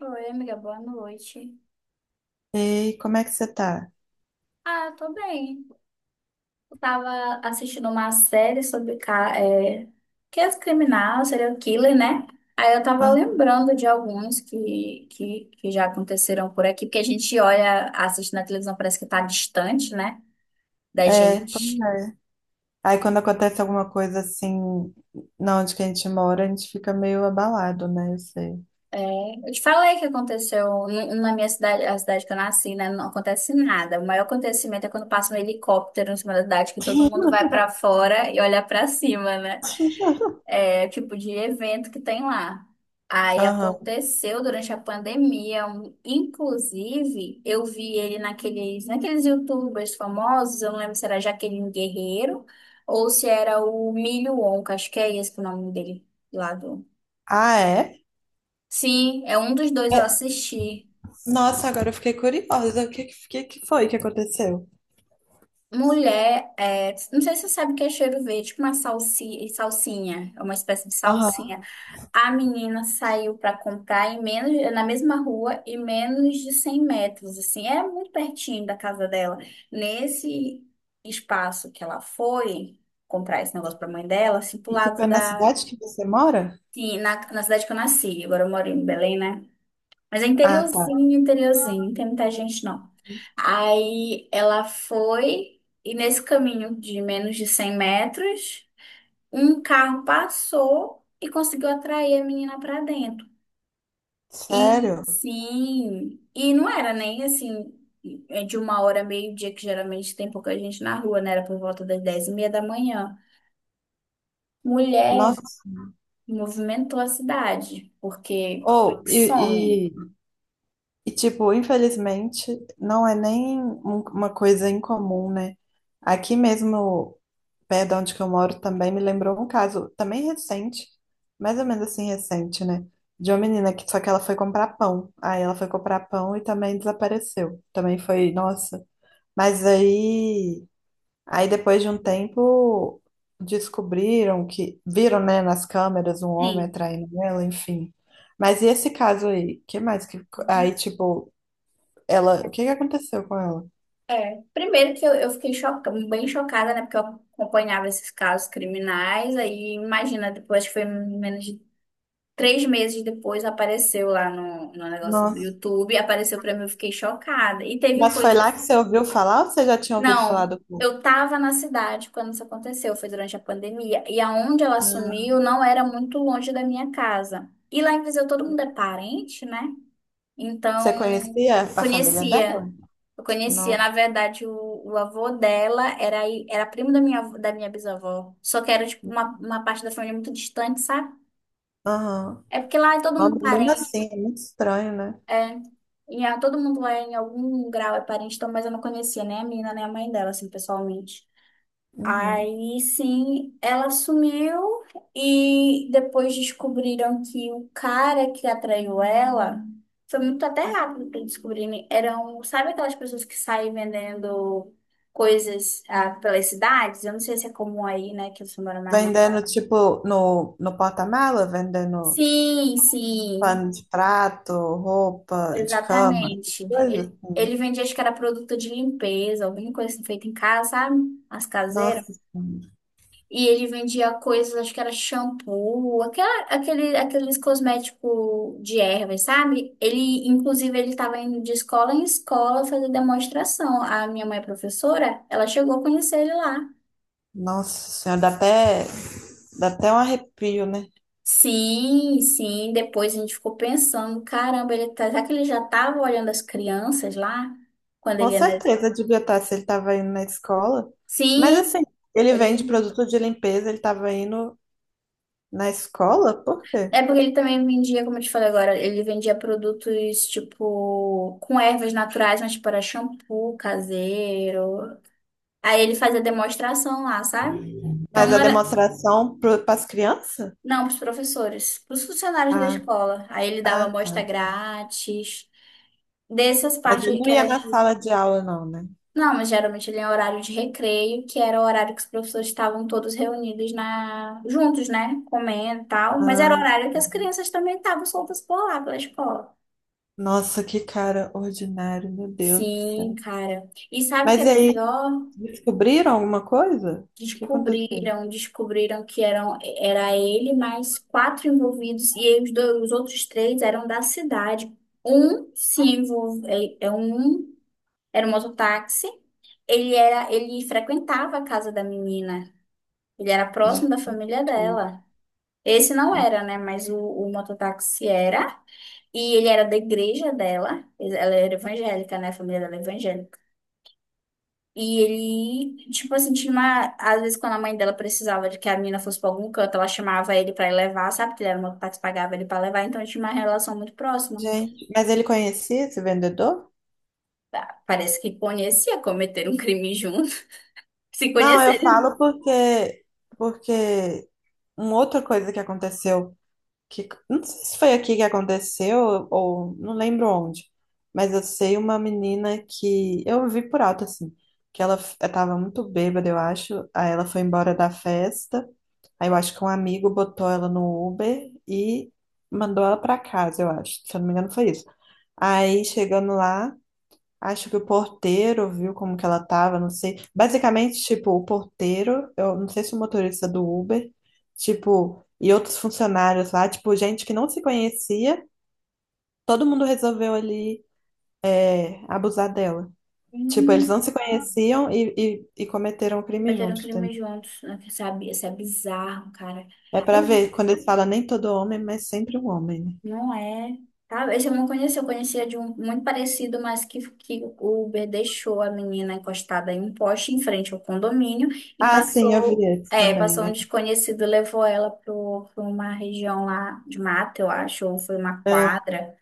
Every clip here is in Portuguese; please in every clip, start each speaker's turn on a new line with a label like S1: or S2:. S1: Oi, amiga, boa noite.
S2: Ei, como é que você tá?
S1: Ah, eu tô bem. Eu tava assistindo uma série sobre que é criminal, serial killer, né? Aí eu tava
S2: Ah,
S1: lembrando de alguns que já aconteceram por aqui, porque a gente olha, assiste na televisão, parece que tá distante, né, da
S2: é, pois
S1: gente.
S2: é. Aí quando acontece alguma coisa assim, na onde que a gente mora, a gente fica meio abalado, né? Eu sei.
S1: É, eu te falei que aconteceu na minha cidade, a cidade que eu nasci, né? Não acontece nada. O maior acontecimento é quando passa um helicóptero em cima da cidade, que todo mundo vai pra fora e olha pra cima, né? Tipo de evento que tem lá. Aí
S2: Aham.
S1: aconteceu durante a pandemia, inclusive eu vi ele naqueles YouTubers famosos, eu não lembro se era Jaqueline Guerreiro ou se era o Milho Wonka, acho que é esse que é o nome dele lá do.
S2: Ah, é?
S1: Sim, é um dos dois eu
S2: É,
S1: assisti.
S2: Nossa, agora eu fiquei curiosa. O que foi que aconteceu?
S1: Mulher, não sei se você sabe o que é cheiro verde, tipo uma salsinha, é uma espécie de
S2: Aham.
S1: salsinha. A menina saiu para comprar na mesma rua e menos de 100 metros, assim, é muito pertinho da casa dela. Nesse espaço que ela foi comprar esse negócio para mãe dela, assim, pro
S2: Isso foi
S1: lado
S2: na
S1: da,
S2: cidade que você mora?
S1: sim, na cidade que eu nasci, agora eu moro em Belém, né? Mas é
S2: Ah, tá.
S1: interiorzinho, interiorzinho, não tem muita gente não. Aí ela foi e nesse caminho de menos de 100 metros, um carro passou e conseguiu atrair a menina para dentro. E
S2: Sério?
S1: sim, e não era nem assim, é de uma hora, meio-dia, que geralmente tem pouca gente na rua, né? Era por volta das 10:30 da manhã. Mulher
S2: Nossa.
S1: movimentou a cidade, porque
S2: Ou,
S1: como é que
S2: e,
S1: some?
S2: e, e, tipo, infelizmente, não é nem uma coisa incomum, né? Aqui mesmo perto de onde que eu moro também me lembrou um caso, também recente, mais ou menos assim recente, né? De uma menina que Só que ela foi comprar pão. Aí ela foi comprar pão e também desapareceu. Também foi, nossa. Mas aí, depois de um tempo descobriram que viram, né, nas câmeras um homem
S1: Sim.
S2: atraindo ela, enfim. Mas e esse caso aí? Que mais que aí tipo, ela, o que aconteceu com ela?
S1: É. Primeiro que eu fiquei bem chocada, né? Porque eu acompanhava esses casos criminais, aí imagina, depois que foi menos de 3 meses depois, apareceu lá no negócio do
S2: Nossa.
S1: YouTube, apareceu pra mim, eu fiquei chocada. E teve
S2: Mas foi lá que
S1: coisas.
S2: você ouviu falar ou você já tinha ouvido falar
S1: Não,
S2: do
S1: eu estava na cidade quando isso aconteceu, foi durante a pandemia. E aonde ela sumiu não era muito longe da minha casa. E lá em Viseu todo mundo é parente, né? Então,
S2: Você conhecia
S1: eu
S2: a família
S1: conhecia.
S2: dela?
S1: Eu conhecia, na
S2: Nossa.
S1: verdade, o avô dela era, era primo da minha bisavó. Só que era, tipo, uma parte da família muito distante, sabe?
S2: Aham.
S1: É porque lá é todo
S2: Nome
S1: mundo
S2: mesmo
S1: parente.
S2: assim, é muito estranho, né?
S1: É, todo mundo lá em algum grau é parente, então, mas eu não conhecia nem a menina, nem a mãe dela, assim, pessoalmente.
S2: Uhum.
S1: Aí sim, ela sumiu e depois descobriram que o cara que atraiu ela foi muito até rápido para descobrirem. Eram, sabe aquelas pessoas que saem vendendo coisas pelas cidades? Eu não sei se é comum aí, né, que você mora mais não?
S2: Vendendo, tipo, no porta-mala, vendendo
S1: Sim, sim,
S2: pano de prato, roupa de cama,
S1: exatamente.
S2: coisa
S1: Ele,
S2: assim.
S1: ele vendia, acho que era produto de limpeza, alguma coisa assim, feita em casa, sabe? As caseiras.
S2: Nossa Senhora.
S1: E ele vendia coisas, acho que era shampoo, aqueles cosméticos de ervas, sabe? Ele, inclusive, ele estava indo de escola em escola fazer demonstração. A minha mãe é professora, ela chegou a conhecer ele lá.
S2: Nossa Senhora, dá até um arrepio, né?
S1: Sim, sim. Depois a gente ficou pensando, caramba, será que ele já estava olhando as crianças lá? Quando ele
S2: Com
S1: ia na...
S2: certeza devia estar, se ele estava indo na escola. Mas
S1: Sim,
S2: assim, ele
S1: ele
S2: vende produto de limpeza, ele estava indo na escola? Por quê?
S1: É porque ele também vendia, como eu te falei agora, ele vendia produtos tipo com ervas naturais, mas tipo era shampoo caseiro. Aí ele fazia demonstração lá, sabe? Então
S2: Mas
S1: não
S2: a
S1: era,
S2: demonstração para as crianças?
S1: não, pros professores, pros funcionários da
S2: Ah,
S1: escola. Aí ele dava
S2: ah,
S1: amostra
S2: tá.
S1: grátis, dessas
S2: Mas
S1: partes
S2: ele
S1: aí
S2: não
S1: que
S2: ia
S1: era
S2: na
S1: de.
S2: sala de aula, não, né?
S1: Não, mas geralmente ele é horário de recreio, que era o horário que os professores estavam todos reunidos na juntos, né? Comendo e tal. Mas era o
S2: Ah,
S1: horário que as crianças também estavam soltas por lá pela escola.
S2: nossa, que cara ordinário, meu Deus do
S1: Sim,
S2: céu.
S1: cara. E sabe o que
S2: Mas
S1: é
S2: e aí,
S1: pior?
S2: descobriram alguma coisa? O que aconteceu?
S1: Descobriram que era ele mais quatro envolvidos e aí os outros três eram da cidade. Um se envolve, é, é um era um mototáxi. Ele frequentava a casa da menina. Ele era próximo
S2: Gente,
S1: da família dela. Esse não era, né? Mas o mototáxi era. E ele era da igreja dela. Ela era evangélica, né? A família dela é evangélica. E ele, tipo assim, tinha uma. Às vezes, quando a mãe dela precisava de que a menina fosse pra algum canto, ela chamava ele pra ir levar, sabe? Que ele era uma parte pagava ele pra levar, então tinha uma relação muito próxima.
S2: gente, mas ele conhecia esse vendedor?
S1: Parece que conhecia, cometeram um crime juntos. Se
S2: Não, eu
S1: conhecerem.
S2: falo porque uma outra coisa que aconteceu, que não sei se foi aqui que aconteceu ou não lembro onde, mas eu sei uma menina que eu vi por alto assim, que ela estava muito bêbada, eu acho, aí ela foi embora da festa, aí eu acho que um amigo botou ela no Uber e mandou ela para casa, eu acho, se eu não me engano foi isso. Aí chegando lá acho que o porteiro viu como que ela tava, não sei. Basicamente, tipo, o porteiro, eu não sei se o motorista do Uber, tipo, e outros funcionários lá, tipo, gente que não se conhecia, todo mundo resolveu ali, é, abusar dela. Tipo, eles
S1: Hum.
S2: não se conheciam e, e cometeram o crime
S1: Cometeram um
S2: juntos,
S1: crime
S2: entendeu?
S1: juntos, né? Sabe? Isso é bizarro, cara.
S2: É pra
S1: Eu
S2: ver, quando eles falam nem todo homem, mas sempre um homem, né?
S1: Não é. Tá, esse eu não conhecia, eu conhecia de um muito parecido, mas que o Uber deixou a menina encostada em um poste em frente ao condomínio e
S2: Ah, sim, eu vi
S1: passou,
S2: esse
S1: é,
S2: também.
S1: passou um
S2: Né?
S1: desconhecido, levou ela para uma região lá de mata, eu acho, ou foi uma
S2: É,
S1: quadra.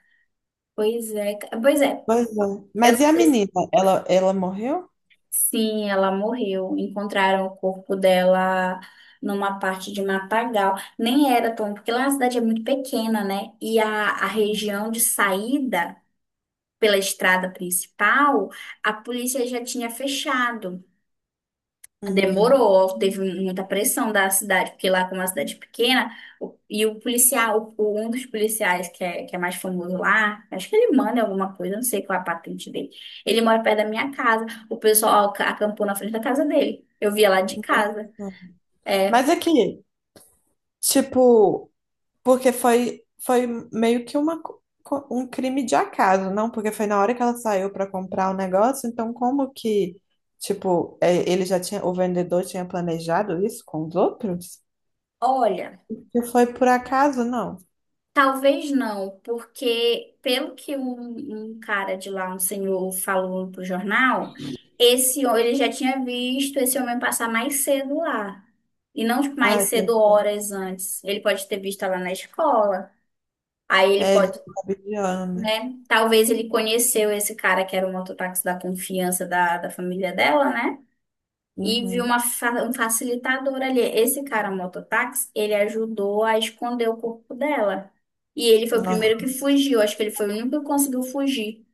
S1: Pois é, pois é,
S2: pois é.
S1: eu
S2: Mas e
S1: não
S2: a
S1: sei se,
S2: menina? Ela morreu?
S1: sim, ela morreu. Encontraram o corpo dela numa parte de matagal. Nem era tão, porque lá a cidade é muito pequena, né? E a região de saída pela estrada principal, a polícia já tinha fechado.
S2: Hum,
S1: Demorou, teve muita pressão da cidade, porque lá, como é uma cidade pequena, e o policial, um dos policiais que é mais famoso lá, acho que ele manda alguma coisa, não sei qual é a patente dele. Ele mora perto da minha casa. O pessoal acampou na frente da casa dele. Eu via lá de casa.
S2: não.
S1: É,
S2: Mas aqui, tipo, porque foi, foi meio que uma, um crime de acaso, não? Porque foi na hora que ela saiu para comprar o negócio, então como que, tipo, é, ele já tinha, o vendedor tinha planejado isso com os outros?
S1: olha.
S2: Que foi por acaso, não?
S1: Talvez não, porque pelo que um cara de lá, um senhor, falou pro jornal, ele já tinha visto esse homem passar mais cedo lá. E não tipo, mais
S2: Ai, Deus
S1: cedo
S2: do céu.
S1: horas antes. Ele pode ter visto lá na escola. Aí ele
S2: É, ele
S1: pode,
S2: fica vigiando, né?
S1: né? Talvez ele conheceu esse cara que era o mototáxi da confiança da família dela, né? E viu
S2: Uhum.
S1: um facilitador ali. Esse cara, mototáxi, ele ajudou a esconder o corpo dela. E ele foi o
S2: Nossa.
S1: primeiro que fugiu. Acho que ele foi o único que conseguiu fugir.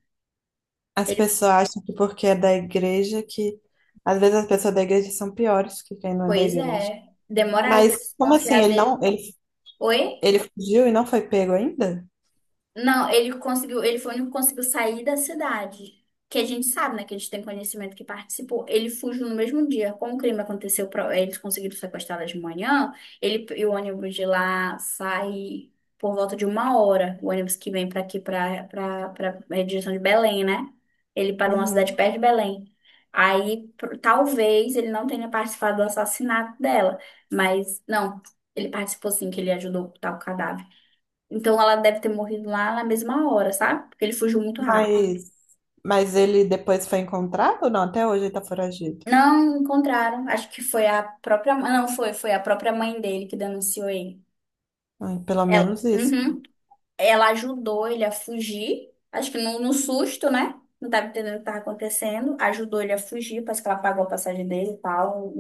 S2: As
S1: Ele,
S2: pessoas acham que porque é da igreja que... Às vezes as pessoas da igreja são piores que quem não é da
S1: Pois
S2: igreja.
S1: é, demoraram para
S2: Mas como assim?
S1: desconfiar dele. Oi?
S2: Ele fugiu e não foi pego ainda?
S1: Não, ele conseguiu, ele foi o único que conseguiu sair da cidade. Que a gente sabe, né? Que a gente tem conhecimento que participou. Ele fugiu no mesmo dia. Como o crime aconteceu, eles conseguiram sequestrá-la de manhã, ele e o ônibus de lá sai por volta de uma hora. O ônibus que vem para aqui, para a direção de Belém, né? Ele parou numa cidade
S2: Uhum.
S1: perto de Belém. Aí, talvez ele não tenha participado do assassinato dela, mas não, ele participou sim, que ele ajudou a ocultar o cadáver. Então ela deve ter morrido lá na mesma hora, sabe? Porque ele fugiu muito rápido.
S2: Mas, mas ele depois foi encontrado? Ou não, até hoje ele tá foragido.
S1: Não encontraram. Acho que foi a própria. Não, foi a própria mãe dele que denunciou ele.
S2: Ai, pelo menos isso.
S1: Uhum. Ela ajudou ele a fugir. Acho que no susto, né? Não tava entendendo o que estava acontecendo. Ajudou ele a fugir, parece que ela pagou a passagem dele e tal.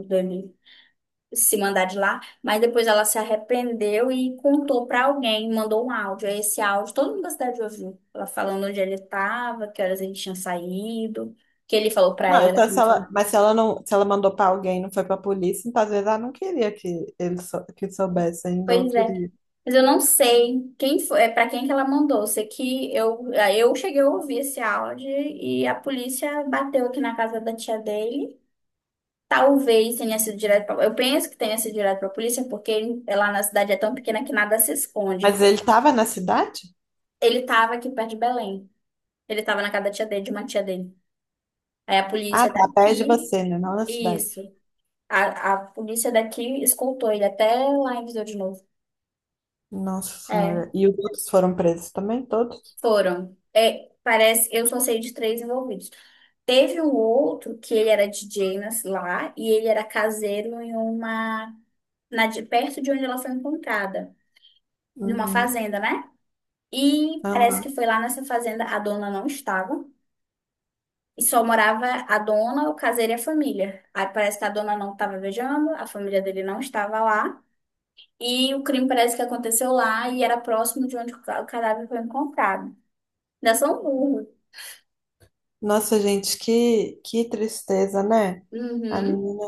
S1: Se mandar de lá, mas depois ela se arrependeu e contou pra alguém, mandou um áudio. Aí esse áudio todo mundo da cidade ouviu, ela falando onde ele estava, que horas ele tinha saído, que ele falou pra
S2: Não,
S1: ela
S2: então
S1: que
S2: se
S1: então,
S2: ela, mas se ela não, se ela mandou pra alguém, e não foi pra polícia, então às vezes ela não queria que ele que soubesse ainda ou
S1: pois é.
S2: queria.
S1: Mas eu não sei quem foi, é para quem que ela mandou. Eu sei que eu cheguei a ouvir esse áudio e a polícia bateu aqui na casa da tia dele. Talvez tenha sido direto pra, eu penso que tenha sido direto pra polícia, porque lá na cidade é tão pequena que nada se
S2: Mas
S1: esconde.
S2: ele tava na cidade?
S1: Ele estava aqui perto de Belém. Ele tava na casa da tia dele, de uma tia dele. Aí a
S2: Ah,
S1: polícia
S2: tá, perto
S1: daqui,
S2: você, né? Não na cidade.
S1: isso. A polícia daqui escoltou ele até lá em Viseu de novo.
S2: Nossa Senhora.
S1: É,
S2: E os outros foram presos também, todos?
S1: foram. É, parece, eu só sei de três envolvidos. Teve um outro que ele era DJ lá e ele era caseiro perto de onde ela foi encontrada, numa
S2: Uhum.
S1: fazenda, né? E parece que
S2: Aham.
S1: foi lá nessa fazenda a dona não estava. E só morava a dona, o caseiro e a família. Aí parece que a dona não estava viajando, a família dele não estava lá. E o crime parece que aconteceu lá e era próximo de onde o cadáver foi encontrado. Ainda são burro.
S2: Nossa, gente, que tristeza, né? A
S1: Uhum.
S2: menina.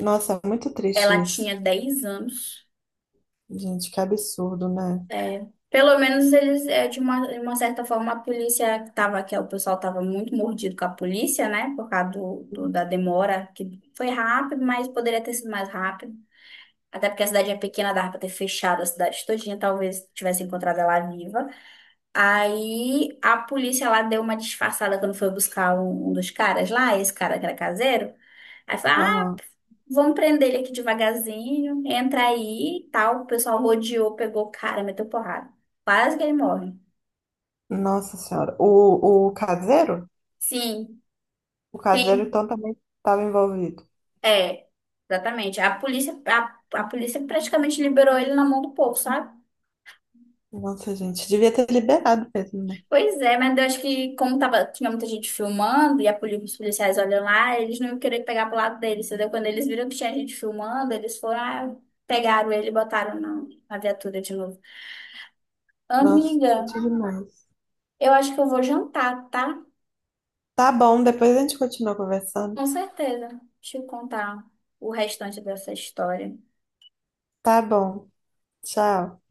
S2: Nossa, é muito triste
S1: Ela
S2: isso.
S1: tinha 10 anos.
S2: Gente, que absurdo, né?
S1: É. Pelo menos eles, de uma certa forma, a polícia tava, o pessoal estava muito mordido com a polícia, né? Por causa da demora, que foi rápido, mas poderia ter sido mais rápido. Até porque a cidade é pequena, dava pra ter fechado a cidade todinha, talvez tivesse encontrado ela viva. Aí a polícia lá deu uma disfarçada quando foi buscar um dos caras lá, esse cara que era caseiro. Aí falou: ah,
S2: Aham.
S1: vamos prender ele aqui devagarzinho, entra aí e tal. O pessoal rodeou, pegou o cara, meteu porrada. Quase que ele morre.
S2: Nossa Senhora. O caseiro?
S1: Sim,
S2: O caseiro,
S1: tem.
S2: então, também estava envolvido.
S1: É, exatamente. A polícia praticamente liberou ele na mão do povo, sabe?
S2: Nossa, gente, devia ter liberado mesmo, né?
S1: Pois é, mas eu acho que como tava, tinha muita gente filmando e os policiais olham lá, eles não iam querer pegar pro lado deles, entendeu? Quando eles viram que tinha gente filmando, eles pegaram ele e botaram na viatura de novo.
S2: Nossa,
S1: Amiga,
S2: triste demais.
S1: eu acho que eu vou jantar, tá?
S2: Tá bom, depois a gente continua conversando.
S1: Com certeza. Deixa eu contar o restante dessa história.
S2: Tá bom. Tchau.